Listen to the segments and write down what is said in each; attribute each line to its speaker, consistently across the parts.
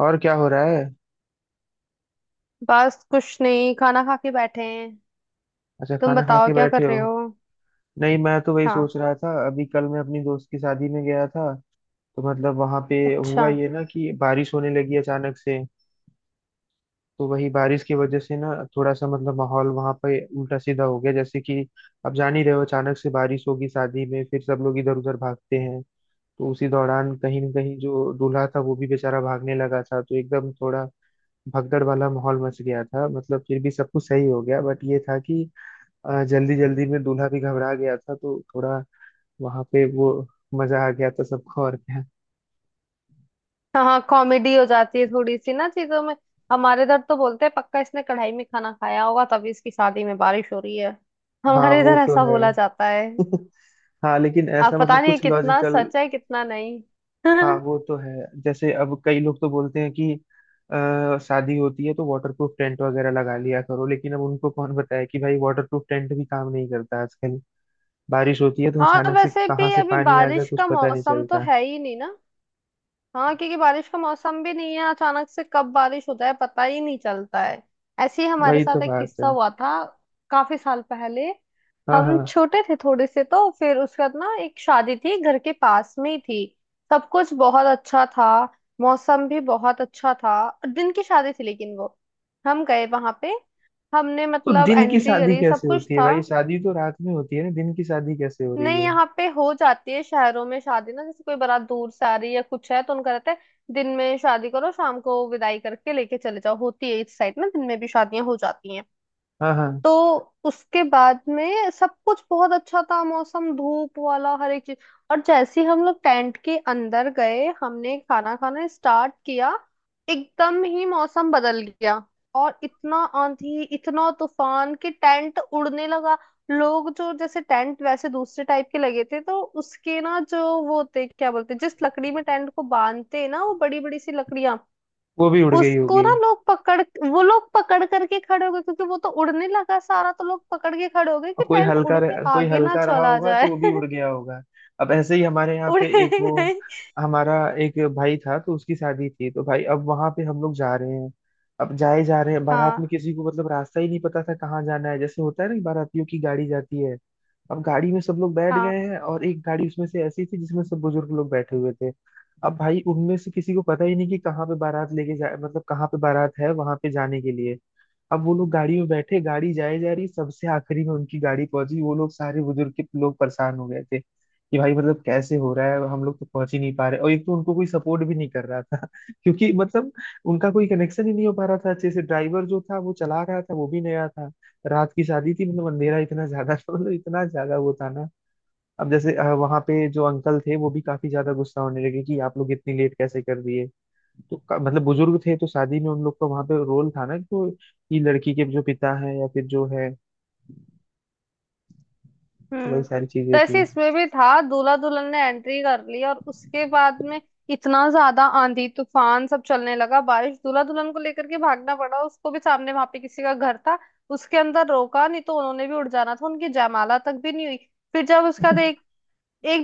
Speaker 1: और क्या हो रहा है।
Speaker 2: बस कुछ नहीं, खाना खा के बैठे हैं।
Speaker 1: अच्छा
Speaker 2: तुम
Speaker 1: खाना खा
Speaker 2: बताओ
Speaker 1: के
Speaker 2: क्या कर
Speaker 1: बैठे
Speaker 2: रहे
Speaker 1: हो।
Speaker 2: हो।
Speaker 1: नहीं मैं तो वही
Speaker 2: हाँ।
Speaker 1: सोच रहा था, अभी कल मैं अपनी दोस्त की शादी में गया था। तो मतलब वहां पे हुआ
Speaker 2: अच्छा।
Speaker 1: ये ना कि बारिश होने लगी अचानक से। तो वही बारिश की वजह से ना थोड़ा सा मतलब माहौल वहां पे उल्टा सीधा हो गया, जैसे कि अब जान ही रहे हो अचानक से बारिश होगी शादी में फिर सब लोग इधर उधर भागते हैं। तो उसी दौरान कहीं ना कहीं जो दूल्हा था वो भी बेचारा भागने लगा था, तो एकदम थोड़ा भगदड़ वाला माहौल मच गया था। मतलब फिर भी सब कुछ सही हो गया बट ये था कि जल्दी जल्दी में दूल्हा भी घबरा गया था तो थोड़ा वहां पे वो मजा आ गया था सबको। और क्या।
Speaker 2: हाँ हाँ, कॉमेडी हो जाती है थोड़ी सी ना चीजों में। हमारे इधर तो बोलते हैं, पक्का इसने कढ़ाई में खाना खाया होगा तभी इसकी शादी में बारिश हो रही है।
Speaker 1: हाँ
Speaker 2: हमारे
Speaker 1: वो
Speaker 2: इधर
Speaker 1: तो
Speaker 2: ऐसा
Speaker 1: है।
Speaker 2: बोला जाता है।
Speaker 1: हाँ लेकिन
Speaker 2: अब
Speaker 1: ऐसा
Speaker 2: पता
Speaker 1: मतलब
Speaker 2: नहीं
Speaker 1: कुछ
Speaker 2: कितना
Speaker 1: लॉजिकल।
Speaker 2: सच है कितना नहीं।
Speaker 1: हाँ वो तो है, जैसे अब कई लोग तो बोलते हैं कि शादी होती है तो वाटरप्रूफ टेंट वगैरह लगा लिया करो, लेकिन अब उनको कौन बताए कि भाई वाटरप्रूफ टेंट भी काम नहीं करता आजकल। बारिश होती है तो
Speaker 2: हाँ,
Speaker 1: अचानक से
Speaker 2: वैसे
Speaker 1: कहाँ
Speaker 2: भी
Speaker 1: से
Speaker 2: अभी
Speaker 1: पानी आ जाए
Speaker 2: बारिश
Speaker 1: कुछ
Speaker 2: का
Speaker 1: पता नहीं
Speaker 2: मौसम तो
Speaker 1: चलता।
Speaker 2: है ही नहीं ना। हाँ, क्योंकि बारिश का मौसम भी नहीं है, अचानक से कब बारिश होता है पता ही नहीं चलता है। ऐसे ही हमारे
Speaker 1: वही तो
Speaker 2: साथ एक
Speaker 1: बात
Speaker 2: किस्सा
Speaker 1: है।
Speaker 2: हुआ था, काफी साल पहले।
Speaker 1: हाँ
Speaker 2: हम
Speaker 1: हाँ।
Speaker 2: छोटे थे थोड़े से, तो फिर उसके बाद ना एक शादी थी, घर के पास में ही थी। सब कुछ बहुत अच्छा था। मौसम भी बहुत अच्छा था। दिन की शादी थी, लेकिन वो हम गए वहां पे, हमने
Speaker 1: तो
Speaker 2: मतलब
Speaker 1: दिन की
Speaker 2: एंट्री
Speaker 1: शादी
Speaker 2: करी, सब
Speaker 1: कैसे
Speaker 2: कुछ
Speaker 1: होती है
Speaker 2: था।
Speaker 1: भाई? शादी तो रात में होती है ना, दिन की शादी कैसे हो रही
Speaker 2: नहीं,
Speaker 1: है?
Speaker 2: यहाँ पे हो जाती है शहरों में शादी ना, जैसे कोई बारात दूर से आ रही है या कुछ है तो उनका रहता है, दिन में शादी करो, शाम को विदाई करके लेके चले जाओ, होती है इस साइड ना दिन में भी शादियां हो जाती हैं।
Speaker 1: हाँ हाँ।
Speaker 2: तो उसके बाद में सब कुछ बहुत अच्छा था, मौसम धूप वाला हर एक चीज। और जैसे ही हम लोग टेंट के अंदर गए, हमने खाना खाना स्टार्ट किया, एकदम ही मौसम बदल गया। और इतना आंधी, इतना तूफान कि टेंट उड़ने लगा। लोग जो जैसे टेंट वैसे दूसरे टाइप के लगे थे, तो उसके ना जो वो थे, क्या बोलते, जिस लकड़ी में टेंट को बांधते हैं ना, वो बड़ी बड़ी सी लकड़ियां,
Speaker 1: वो भी उड़ गई
Speaker 2: उसको
Speaker 1: होगी।
Speaker 2: ना लोग पकड़ वो लोग पकड़ करके खड़े हो गए, क्योंकि वो तो उड़ने लगा सारा, तो लोग पकड़ के खड़े हो गए
Speaker 1: और
Speaker 2: कि टेंट उड़ के
Speaker 1: कोई
Speaker 2: आगे ना
Speaker 1: हल्का रहा
Speaker 2: चला
Speaker 1: होगा तो
Speaker 2: जाए।
Speaker 1: वो भी उड़ गया होगा। अब ऐसे ही हमारे यहाँ पे
Speaker 2: उड़े
Speaker 1: एक वो
Speaker 2: गई।
Speaker 1: हमारा एक भाई था, तो उसकी शादी थी। तो भाई अब वहां पे हम लोग जा रहे हैं, अब जाए जा रहे हैं बारात
Speaker 2: हाँ
Speaker 1: में। किसी को मतलब रास्ता ही नहीं पता था कहाँ जाना है, जैसे होता है ना कि बारातियों की गाड़ी जाती है। अब गाड़ी में सब लोग बैठ गए
Speaker 2: हाँ।
Speaker 1: हैं और एक गाड़ी उसमें से ऐसी थी जिसमें सब बुजुर्ग लोग बैठे हुए थे। अब भाई उनमें से किसी को पता ही नहीं कि कहाँ पे बारात लेके जा, मतलब कहाँ पे बारात है वहां पे जाने के लिए। अब वो लोग गाड़ी में बैठे, गाड़ी जाए जा रही, सबसे आखिरी में उनकी गाड़ी पहुंची। वो लोग सारे बुजुर्ग के लोग परेशान हो गए थे कि भाई मतलब कैसे हो रहा है, हम लोग तो पहुंच ही नहीं पा रहे, और एक तो उनको कोई सपोर्ट भी नहीं कर रहा था। क्योंकि मतलब उनका कोई कनेक्शन ही नहीं हो पा रहा था अच्छे से। ड्राइवर जो था वो चला रहा था वो भी नया था। रात की शादी थी, मतलब अंधेरा इतना ज्यादा था, मतलब इतना ज्यादा वो था ना। अब जैसे वहां पे जो अंकल थे वो भी काफी ज्यादा गुस्सा होने लगे कि आप लोग इतनी लेट कैसे कर दिए। तो मतलब बुजुर्ग थे तो शादी में उन लोग का वहां पे रोल था ना, तो ये लड़की के जो पिता है या फिर जो है, वही
Speaker 2: हम्म।
Speaker 1: सारी चीजें
Speaker 2: तो
Speaker 1: थी।
Speaker 2: ऐसे इसमें भी था, दूल्हा दुल्हन ने एंट्री कर ली और उसके बाद में इतना ज्यादा आंधी तूफान सब चलने लगा, बारिश, दूल्हा दुल्हन को लेकर के भागना पड़ा, उसको भी सामने वहां पे किसी का घर था उसके अंदर। रोका नहीं तो उन्होंने भी उड़ जाना था। उनकी जयमाला तक भी नहीं हुई। फिर जब उसका एक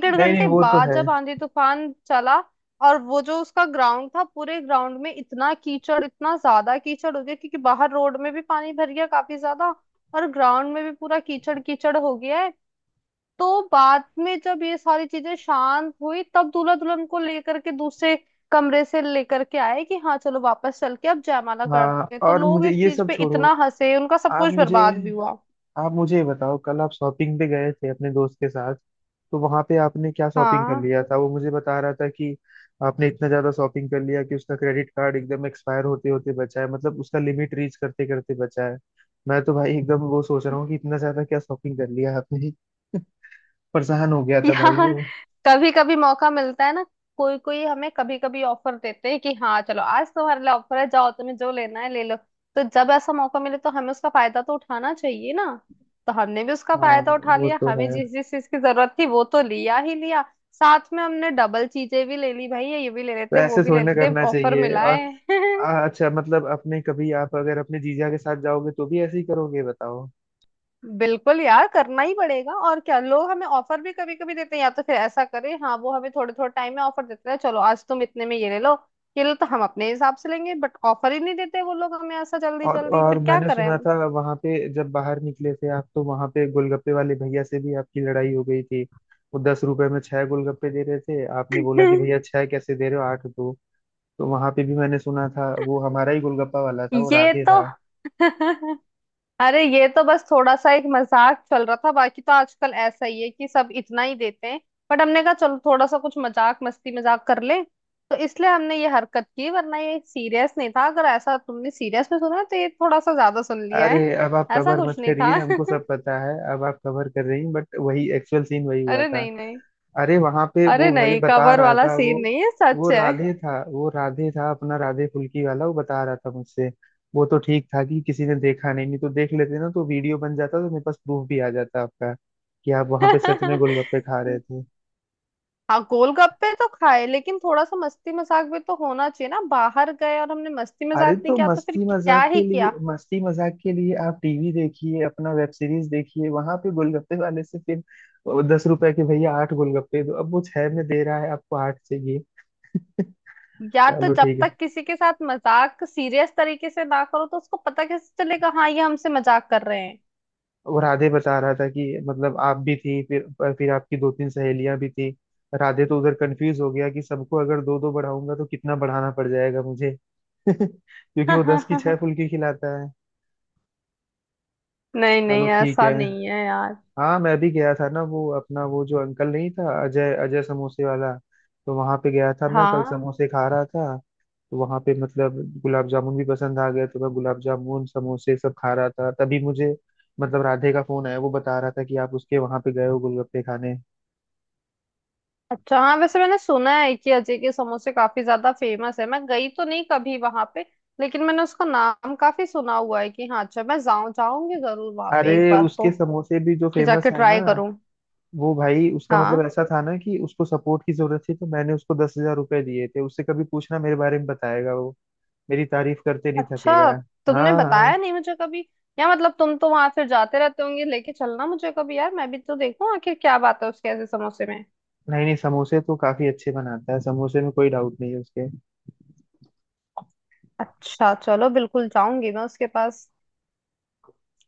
Speaker 2: डेढ़
Speaker 1: नहीं नहीं
Speaker 2: घंटे
Speaker 1: वो तो
Speaker 2: बाद
Speaker 1: है।
Speaker 2: जब आंधी तूफान चला, और वो जो उसका ग्राउंड था, पूरे ग्राउंड में इतना कीचड़, इतना ज्यादा कीचड़ हो गया, क्योंकि बाहर रोड में भी पानी भर गया काफी ज्यादा, और ग्राउंड में भी पूरा कीचड़ कीचड़ हो गया है। तो बाद में जब ये सारी चीजें शांत हुई, तब दूल्हा दुल्हन को लेकर के दूसरे कमरे से लेकर के आए कि हाँ चलो वापस चल के अब जयमाला
Speaker 1: हाँ
Speaker 2: करते हैं, तो
Speaker 1: और
Speaker 2: लोग
Speaker 1: मुझे
Speaker 2: इस
Speaker 1: ये
Speaker 2: चीज
Speaker 1: सब
Speaker 2: पे
Speaker 1: छोड़ो।
Speaker 2: इतना हंसे, उनका सब
Speaker 1: आप
Speaker 2: कुछ
Speaker 1: मुझे
Speaker 2: बर्बाद भी हुआ।
Speaker 1: आप मुझे ये बताओ, कल आप शॉपिंग पे गए थे अपने दोस्त के साथ, तो वहां पे आपने क्या शॉपिंग कर
Speaker 2: हाँ।
Speaker 1: लिया था? वो मुझे बता रहा था कि आपने इतना ज्यादा शॉपिंग कर लिया कि उसका क्रेडिट कार्ड एकदम एक्सपायर होते होते बचा है, मतलब उसका लिमिट रीच करते करते बचा है। मैं तो भाई एकदम वो सोच रहा हूँ कि इतना ज्यादा क्या शॉपिंग कर लिया आपने, परेशान हो गया था भाई
Speaker 2: यार,
Speaker 1: वो।
Speaker 2: कभी कभी मौका मिलता है ना, कोई कोई हमें कभी कभी ऑफर देते हैं कि हाँ चलो आज तुम्हारे लिए ऑफर है, जाओ तुम्हें जो लेना है ले लो, तो जब ऐसा मौका मिले तो हमें उसका फायदा तो उठाना चाहिए ना। तो हमने भी उसका
Speaker 1: हाँ
Speaker 2: फायदा उठा
Speaker 1: वो
Speaker 2: लिया,
Speaker 1: तो है।
Speaker 2: हमें जिस जिस चीज की जरूरत थी वो तो लिया ही लिया, साथ में हमने डबल चीजें भी ले ली, भाई ये भी ले
Speaker 1: तो
Speaker 2: लेते वो
Speaker 1: ऐसे
Speaker 2: भी ले
Speaker 1: थोड़ी ना
Speaker 2: लेते,
Speaker 1: करना
Speaker 2: ऑफर
Speaker 1: चाहिए।
Speaker 2: मिला
Speaker 1: और
Speaker 2: है।
Speaker 1: अच्छा मतलब अपने कभी आप अगर अपने जीजा के साथ जाओगे तो भी ऐसे ही करोगे बताओ?
Speaker 2: बिल्कुल यार, करना ही पड़ेगा और क्या, लोग हमें ऑफर भी कभी कभी देते हैं या तो फिर ऐसा करें, हाँ वो हमें थोड़े थोड़े टाइम में ऑफर देते हैं चलो आज तुम इतने में ये ले लो, ये लो, तो हम अपने हिसाब से लेंगे, बट ऑफर ही नहीं देते वो लोग हमें ऐसा जल्दी
Speaker 1: और
Speaker 2: जल्दी,
Speaker 1: और
Speaker 2: फिर क्या
Speaker 1: मैंने
Speaker 2: करें
Speaker 1: सुना
Speaker 2: हम।
Speaker 1: था वहां पे जब बाहर निकले थे आप, तो वहां पे गोलगप्पे वाले भैया से भी आपकी लड़ाई हो गई थी। वो 10 रुपए में छह गोलगप्पे दे रहे थे, आपने बोला कि भैया छह कैसे दे रहे हो, आठ दो। तो वहां पे भी मैंने सुना था, वो हमारा ही गोलगप्पा वाला था, वो
Speaker 2: ये
Speaker 1: राधे
Speaker 2: तो।
Speaker 1: था।
Speaker 2: अरे ये तो बस थोड़ा सा एक मजाक चल रहा था, बाकी तो आजकल ऐसा ही है कि सब इतना ही देते हैं, बट हमने कहा चलो थोड़ा सा कुछ मजाक मस्ती मजाक कर ले, तो इसलिए हमने ये हरकत की, वरना ये सीरियस नहीं था। अगर ऐसा तुमने सीरियस में सुना है तो ये थोड़ा सा ज्यादा सुन लिया
Speaker 1: अरे
Speaker 2: है।
Speaker 1: अब आप
Speaker 2: ऐसा
Speaker 1: कवर
Speaker 2: कुछ
Speaker 1: मत
Speaker 2: नहीं
Speaker 1: करिए,
Speaker 2: था।
Speaker 1: हमको सब पता है। अब आप कवर कर रही हैं बट वही एक्चुअल सीन वही हुआ
Speaker 2: अरे
Speaker 1: था।
Speaker 2: नहीं नहीं।
Speaker 1: अरे वहां पे
Speaker 2: अरे
Speaker 1: वो भाई
Speaker 2: नहीं,
Speaker 1: बता
Speaker 2: कवर
Speaker 1: रहा
Speaker 2: वाला
Speaker 1: था वो।
Speaker 2: सीन नहीं है,
Speaker 1: वो
Speaker 2: सच है।
Speaker 1: राधे था, वो राधे था, अपना राधे फुल्की वाला, वो बता रहा था मुझसे। वो तो ठीक था कि किसी ने देखा नहीं, नहीं तो देख लेते ना, तो वीडियो बन जाता, तो मेरे पास प्रूफ भी आ जाता आपका कि आप वहां पे सच में गोलगप्पे खा रहे थे।
Speaker 2: हाँ गोलगप्पे तो खाए, लेकिन थोड़ा सा मस्ती मजाक भी तो होना चाहिए ना, बाहर गए और हमने मस्ती
Speaker 1: अरे
Speaker 2: मजाक नहीं
Speaker 1: तो
Speaker 2: किया तो फिर
Speaker 1: मस्ती
Speaker 2: क्या
Speaker 1: मजाक के
Speaker 2: ही
Speaker 1: लिए,
Speaker 2: किया।
Speaker 1: मस्ती मजाक के लिए आप टीवी देखिए, अपना वेब सीरीज देखिए। वहां पे गोलगप्पे वाले से फिर 10 रुपए के भैया आठ गोलगप्पे दो, अब वो छह में दे रहा है आपको आठ चाहिए।
Speaker 2: यार तो
Speaker 1: चलो
Speaker 2: जब
Speaker 1: ठीक है।
Speaker 2: तक किसी के साथ मजाक सीरियस तरीके से ना करो तो उसको पता कैसे चलेगा हाँ ये हमसे मजाक कर रहे हैं।
Speaker 1: वो राधे बता रहा था कि मतलब आप भी थी, फिर आपकी दो तीन सहेलियां भी थी। राधे तो उधर कंफ्यूज हो गया कि सबको अगर दो दो बढ़ाऊंगा तो कितना बढ़ाना पड़ जाएगा मुझे। क्योंकि वो 10 की छह फुल्की खिलाता है।
Speaker 2: नहीं नहीं,
Speaker 1: चलो ठीक
Speaker 2: ऐसा
Speaker 1: है।
Speaker 2: नहीं है यार।
Speaker 1: हाँ मैं भी गया था ना, वो अपना वो जो अंकल नहीं था, अजय, अजय समोसे वाला। तो वहां पे गया था, मैं कल
Speaker 2: हाँ।
Speaker 1: समोसे खा रहा था। तो वहां पे मतलब गुलाब जामुन भी पसंद आ गया, तो मैं गुलाब जामुन समोसे सब खा रहा था, तभी मुझे मतलब राधे का फोन आया। वो बता रहा था कि आप उसके वहां पे गए हो गोलगप्पे खाने।
Speaker 2: अच्छा। हाँ, वैसे मैंने सुना है कि अजय के समोसे काफी ज्यादा फेमस है, मैं गई तो नहीं कभी वहां पे, लेकिन मैंने उसका नाम काफी सुना हुआ है कि हाँ, अच्छा मैं जाऊं, जाऊंगी जरूर वहां पे एक
Speaker 1: अरे
Speaker 2: बार तो,
Speaker 1: उसके समोसे भी जो
Speaker 2: कि
Speaker 1: फेमस
Speaker 2: जाके
Speaker 1: है ना,
Speaker 2: ट्राई करूं।
Speaker 1: वो भाई उसका
Speaker 2: हाँ।
Speaker 1: मतलब ऐसा था ना कि उसको सपोर्ट की जरूरत थी, तो मैंने उसको 10,000 रुपए दिए थे। उससे कभी पूछना मेरे बारे में, बताएगा वो, मेरी तारीफ करते नहीं
Speaker 2: अच्छा,
Speaker 1: थकेगा।
Speaker 2: तुमने
Speaker 1: हाँ हाँ।
Speaker 2: बताया नहीं मुझे कभी, या मतलब तुम तो वहां फिर जाते रहते होंगे, लेके चलना मुझे कभी यार, मैं भी तो देखूं आखिर क्या बात है उसके ऐसे समोसे में।
Speaker 1: नहीं नहीं समोसे तो काफी अच्छे बनाता है, समोसे में कोई डाउट नहीं है उसके।
Speaker 2: अच्छा चलो, बिल्कुल जाऊंगी मैं उसके पास।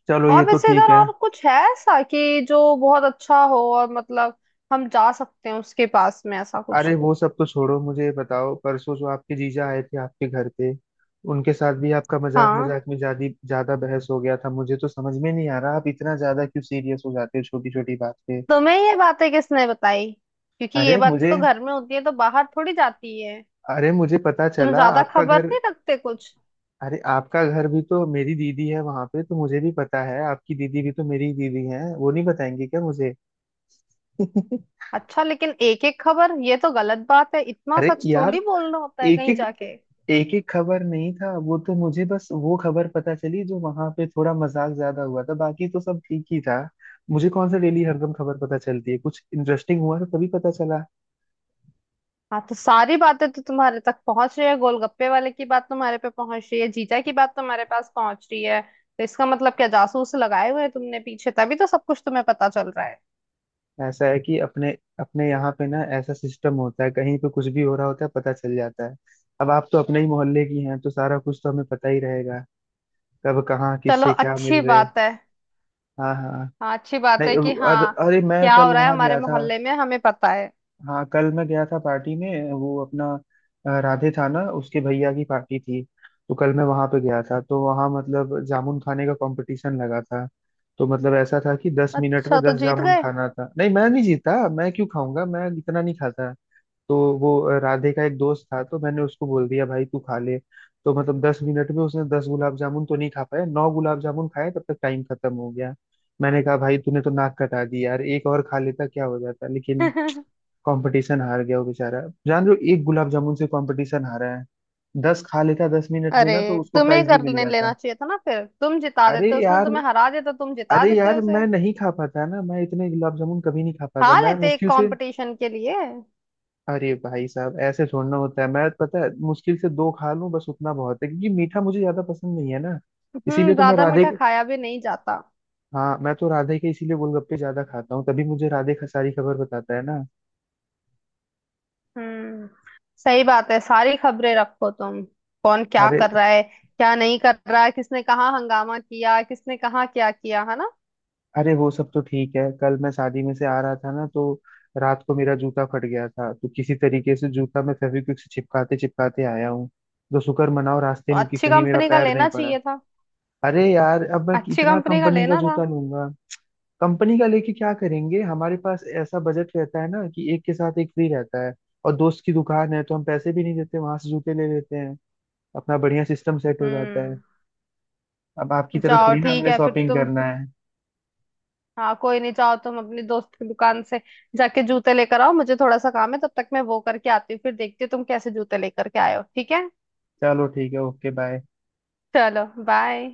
Speaker 1: चलो ये
Speaker 2: और
Speaker 1: तो
Speaker 2: वैसे
Speaker 1: ठीक
Speaker 2: इधर
Speaker 1: है।
Speaker 2: और कुछ है ऐसा कि जो बहुत अच्छा हो और मतलब हम जा सकते हैं उसके पास में ऐसा कुछ।
Speaker 1: अरे वो सब तो छोड़ो, मुझे ये बताओ, परसों जो आपके जीजा आए थे आपके घर पे, उनके साथ भी आपका मजाक
Speaker 2: हाँ,
Speaker 1: मजाक में ज्यादा ज्यादा बहस हो गया था। मुझे तो समझ में नहीं आ रहा आप इतना ज्यादा क्यों सीरियस हो जाते हो छोटी छोटी बात पे।
Speaker 2: तुम्हें ये बातें किसने बताई, क्योंकि ये
Speaker 1: अरे
Speaker 2: बातें
Speaker 1: मुझे
Speaker 2: तो घर में होती है, तो बाहर थोड़ी जाती है।
Speaker 1: अरे मुझे पता
Speaker 2: तुम
Speaker 1: चला
Speaker 2: ज्यादा
Speaker 1: आपका
Speaker 2: खबर
Speaker 1: घर।
Speaker 2: नहीं रखते कुछ।
Speaker 1: अरे आपका घर भी तो मेरी दीदी है वहां पे, तो मुझे भी पता है। आपकी दीदी भी तो मेरी ही दीदी है, वो नहीं बताएंगी क्या मुझे?
Speaker 2: अच्छा, लेकिन एक एक खबर, ये तो गलत बात है, इतना
Speaker 1: अरे
Speaker 2: सच
Speaker 1: यार,
Speaker 2: थोड़ी बोलना होता है
Speaker 1: एक
Speaker 2: कहीं
Speaker 1: एक
Speaker 2: जाके।
Speaker 1: एक एक खबर नहीं था। वो तो मुझे बस वो खबर पता चली जो वहां पे थोड़ा मजाक ज्यादा हुआ था, बाकी तो सब ठीक ही था। मुझे कौन सा डेली हरदम खबर पता चलती है, कुछ इंटरेस्टिंग हुआ तो तभी पता चला।
Speaker 2: हाँ, तो सारी बातें तो तुम्हारे तक पहुंच रही है, गोलगप्पे वाले की बात तुम्हारे पे पहुंच रही है, जीजा की बात तुम्हारे पास पहुंच रही है, तो इसका मतलब क्या जासूस लगाए हुए हैं तुमने पीछे, तभी तो सब कुछ तुम्हें पता चल रहा है।
Speaker 1: ऐसा है कि अपने अपने यहाँ पे ना ऐसा सिस्टम होता है, कहीं पे कुछ भी हो रहा होता है पता चल जाता है। अब आप तो अपने ही मोहल्ले की हैं, तो सारा कुछ तो हमें पता ही रहेगा, कब कहाँ
Speaker 2: चलो
Speaker 1: किससे क्या
Speaker 2: अच्छी
Speaker 1: मिल रहे।
Speaker 2: बात है।
Speaker 1: हाँ हाँ।
Speaker 2: हाँ अच्छी बात
Speaker 1: नहीं
Speaker 2: है कि
Speaker 1: और
Speaker 2: हाँ,
Speaker 1: अरे मैं
Speaker 2: क्या
Speaker 1: कल
Speaker 2: हो रहा है
Speaker 1: वहां
Speaker 2: हमारे
Speaker 1: गया था।
Speaker 2: मोहल्ले में हमें पता है।
Speaker 1: हाँ कल मैं गया था पार्टी में, वो अपना राधे था ना, उसके भैया की पार्टी थी। तो कल मैं वहां पे गया था, तो वहां मतलब जामुन खाने का कंपटीशन लगा था। तो मतलब ऐसा था कि दस मिनट में
Speaker 2: अच्छा, तो
Speaker 1: दस
Speaker 2: जीत
Speaker 1: जामुन
Speaker 2: गए।
Speaker 1: खाना था। नहीं मैं नहीं जीता, मैं क्यों खाऊंगा, मैं इतना नहीं खाता। तो वो राधे का एक दोस्त था, तो मैंने उसको बोल दिया भाई तू खा ले। तो मतलब 10 मिनट में उसने 10 गुलाब जामुन तो नहीं खा पाया, नौ गुलाब जामुन खाए तब तक टाइम खत्म हो गया। मैंने कहा भाई तूने तो नाक कटा दी यार, एक और खा लेता क्या हो जाता, लेकिन कंपटीशन हार गया वो बेचारा। जान रहे हो, एक गुलाब जामुन से कंपटीशन हारा है। 10 खा लेता 10 मिनट में
Speaker 2: अरे,
Speaker 1: ना, तो उसको
Speaker 2: तुम्हें
Speaker 1: प्राइज भी मिल
Speaker 2: करने लेना
Speaker 1: जाता।
Speaker 2: चाहिए था ना, फिर तुम जिता
Speaker 1: अरे
Speaker 2: देते, उसने
Speaker 1: यार,
Speaker 2: तुम्हें हरा देता, तुम जिता
Speaker 1: अरे
Speaker 2: देते
Speaker 1: यार मैं
Speaker 2: उसे।
Speaker 1: नहीं खा पाता ना, मैं इतने गुलाब जामुन कभी नहीं खा
Speaker 2: खा
Speaker 1: पाता, मैं
Speaker 2: लेते एक
Speaker 1: मुश्किल से।
Speaker 2: कंपटीशन के लिए।
Speaker 1: अरे भाई साहब ऐसे छोड़ना होता है, मैं पता है मुश्किल से दो खा लूं बस उतना बहुत है, क्योंकि मीठा मुझे ज्यादा पसंद नहीं है ना। इसीलिए
Speaker 2: हम्म,
Speaker 1: तो मैं
Speaker 2: ज्यादा
Speaker 1: राधे,
Speaker 2: मीठा खाया भी नहीं जाता।
Speaker 1: हाँ मैं तो राधे के इसीलिए गोलगप्पे ज्यादा खाता हूँ, तभी मुझे राधे का सारी खबर बताता है ना।
Speaker 2: हम्म, सही बात है, सारी खबरें रखो तुम, कौन क्या
Speaker 1: अरे,
Speaker 2: कर रहा है, क्या नहीं कर रहा है, किसने कहाँ हंगामा किया, किसने कहाँ क्या किया है ना।
Speaker 1: अरे वो सब तो ठीक है। कल मैं शादी में से आ रहा था ना, तो रात को मेरा जूता फट गया था, तो किसी तरीके से जूता मैं फेविक्विक से चिपकाते चिपकाते आया हूँ। तो शुक्र मनाओ रास्ते
Speaker 2: तो
Speaker 1: में कि
Speaker 2: अच्छी
Speaker 1: कहीं मेरा
Speaker 2: कंपनी का
Speaker 1: पैर नहीं
Speaker 2: लेना
Speaker 1: पड़ा।
Speaker 2: चाहिए था।
Speaker 1: अरे यार अब मैं
Speaker 2: अच्छी
Speaker 1: कितना
Speaker 2: कंपनी का
Speaker 1: कंपनी का
Speaker 2: लेना था।
Speaker 1: जूता लूंगा। कंपनी का लेके क्या करेंगे, हमारे पास ऐसा बजट रहता है ना कि एक के साथ एक फ्री रहता है। और दोस्त की दुकान है तो हम पैसे भी नहीं देते, वहां से जूते ले लेते हैं, अपना बढ़िया सिस्टम सेट हो जाता है।
Speaker 2: हम्म।
Speaker 1: अब आपकी तरफ
Speaker 2: जाओ
Speaker 1: थोड़ी ना
Speaker 2: ठीक
Speaker 1: हमने
Speaker 2: है फिर
Speaker 1: शॉपिंग
Speaker 2: तुम।
Speaker 1: करना है।
Speaker 2: हाँ कोई नहीं, जाओ तुम अपनी दोस्त की दुकान से जाके जूते लेकर आओ, मुझे थोड़ा सा काम है, तब तक मैं वो करके आती हूँ, फिर देखती हूँ तुम कैसे जूते लेकर के आए हो ठीक है।
Speaker 1: चलो ठीक है, ओके बाय।
Speaker 2: चलो बाय।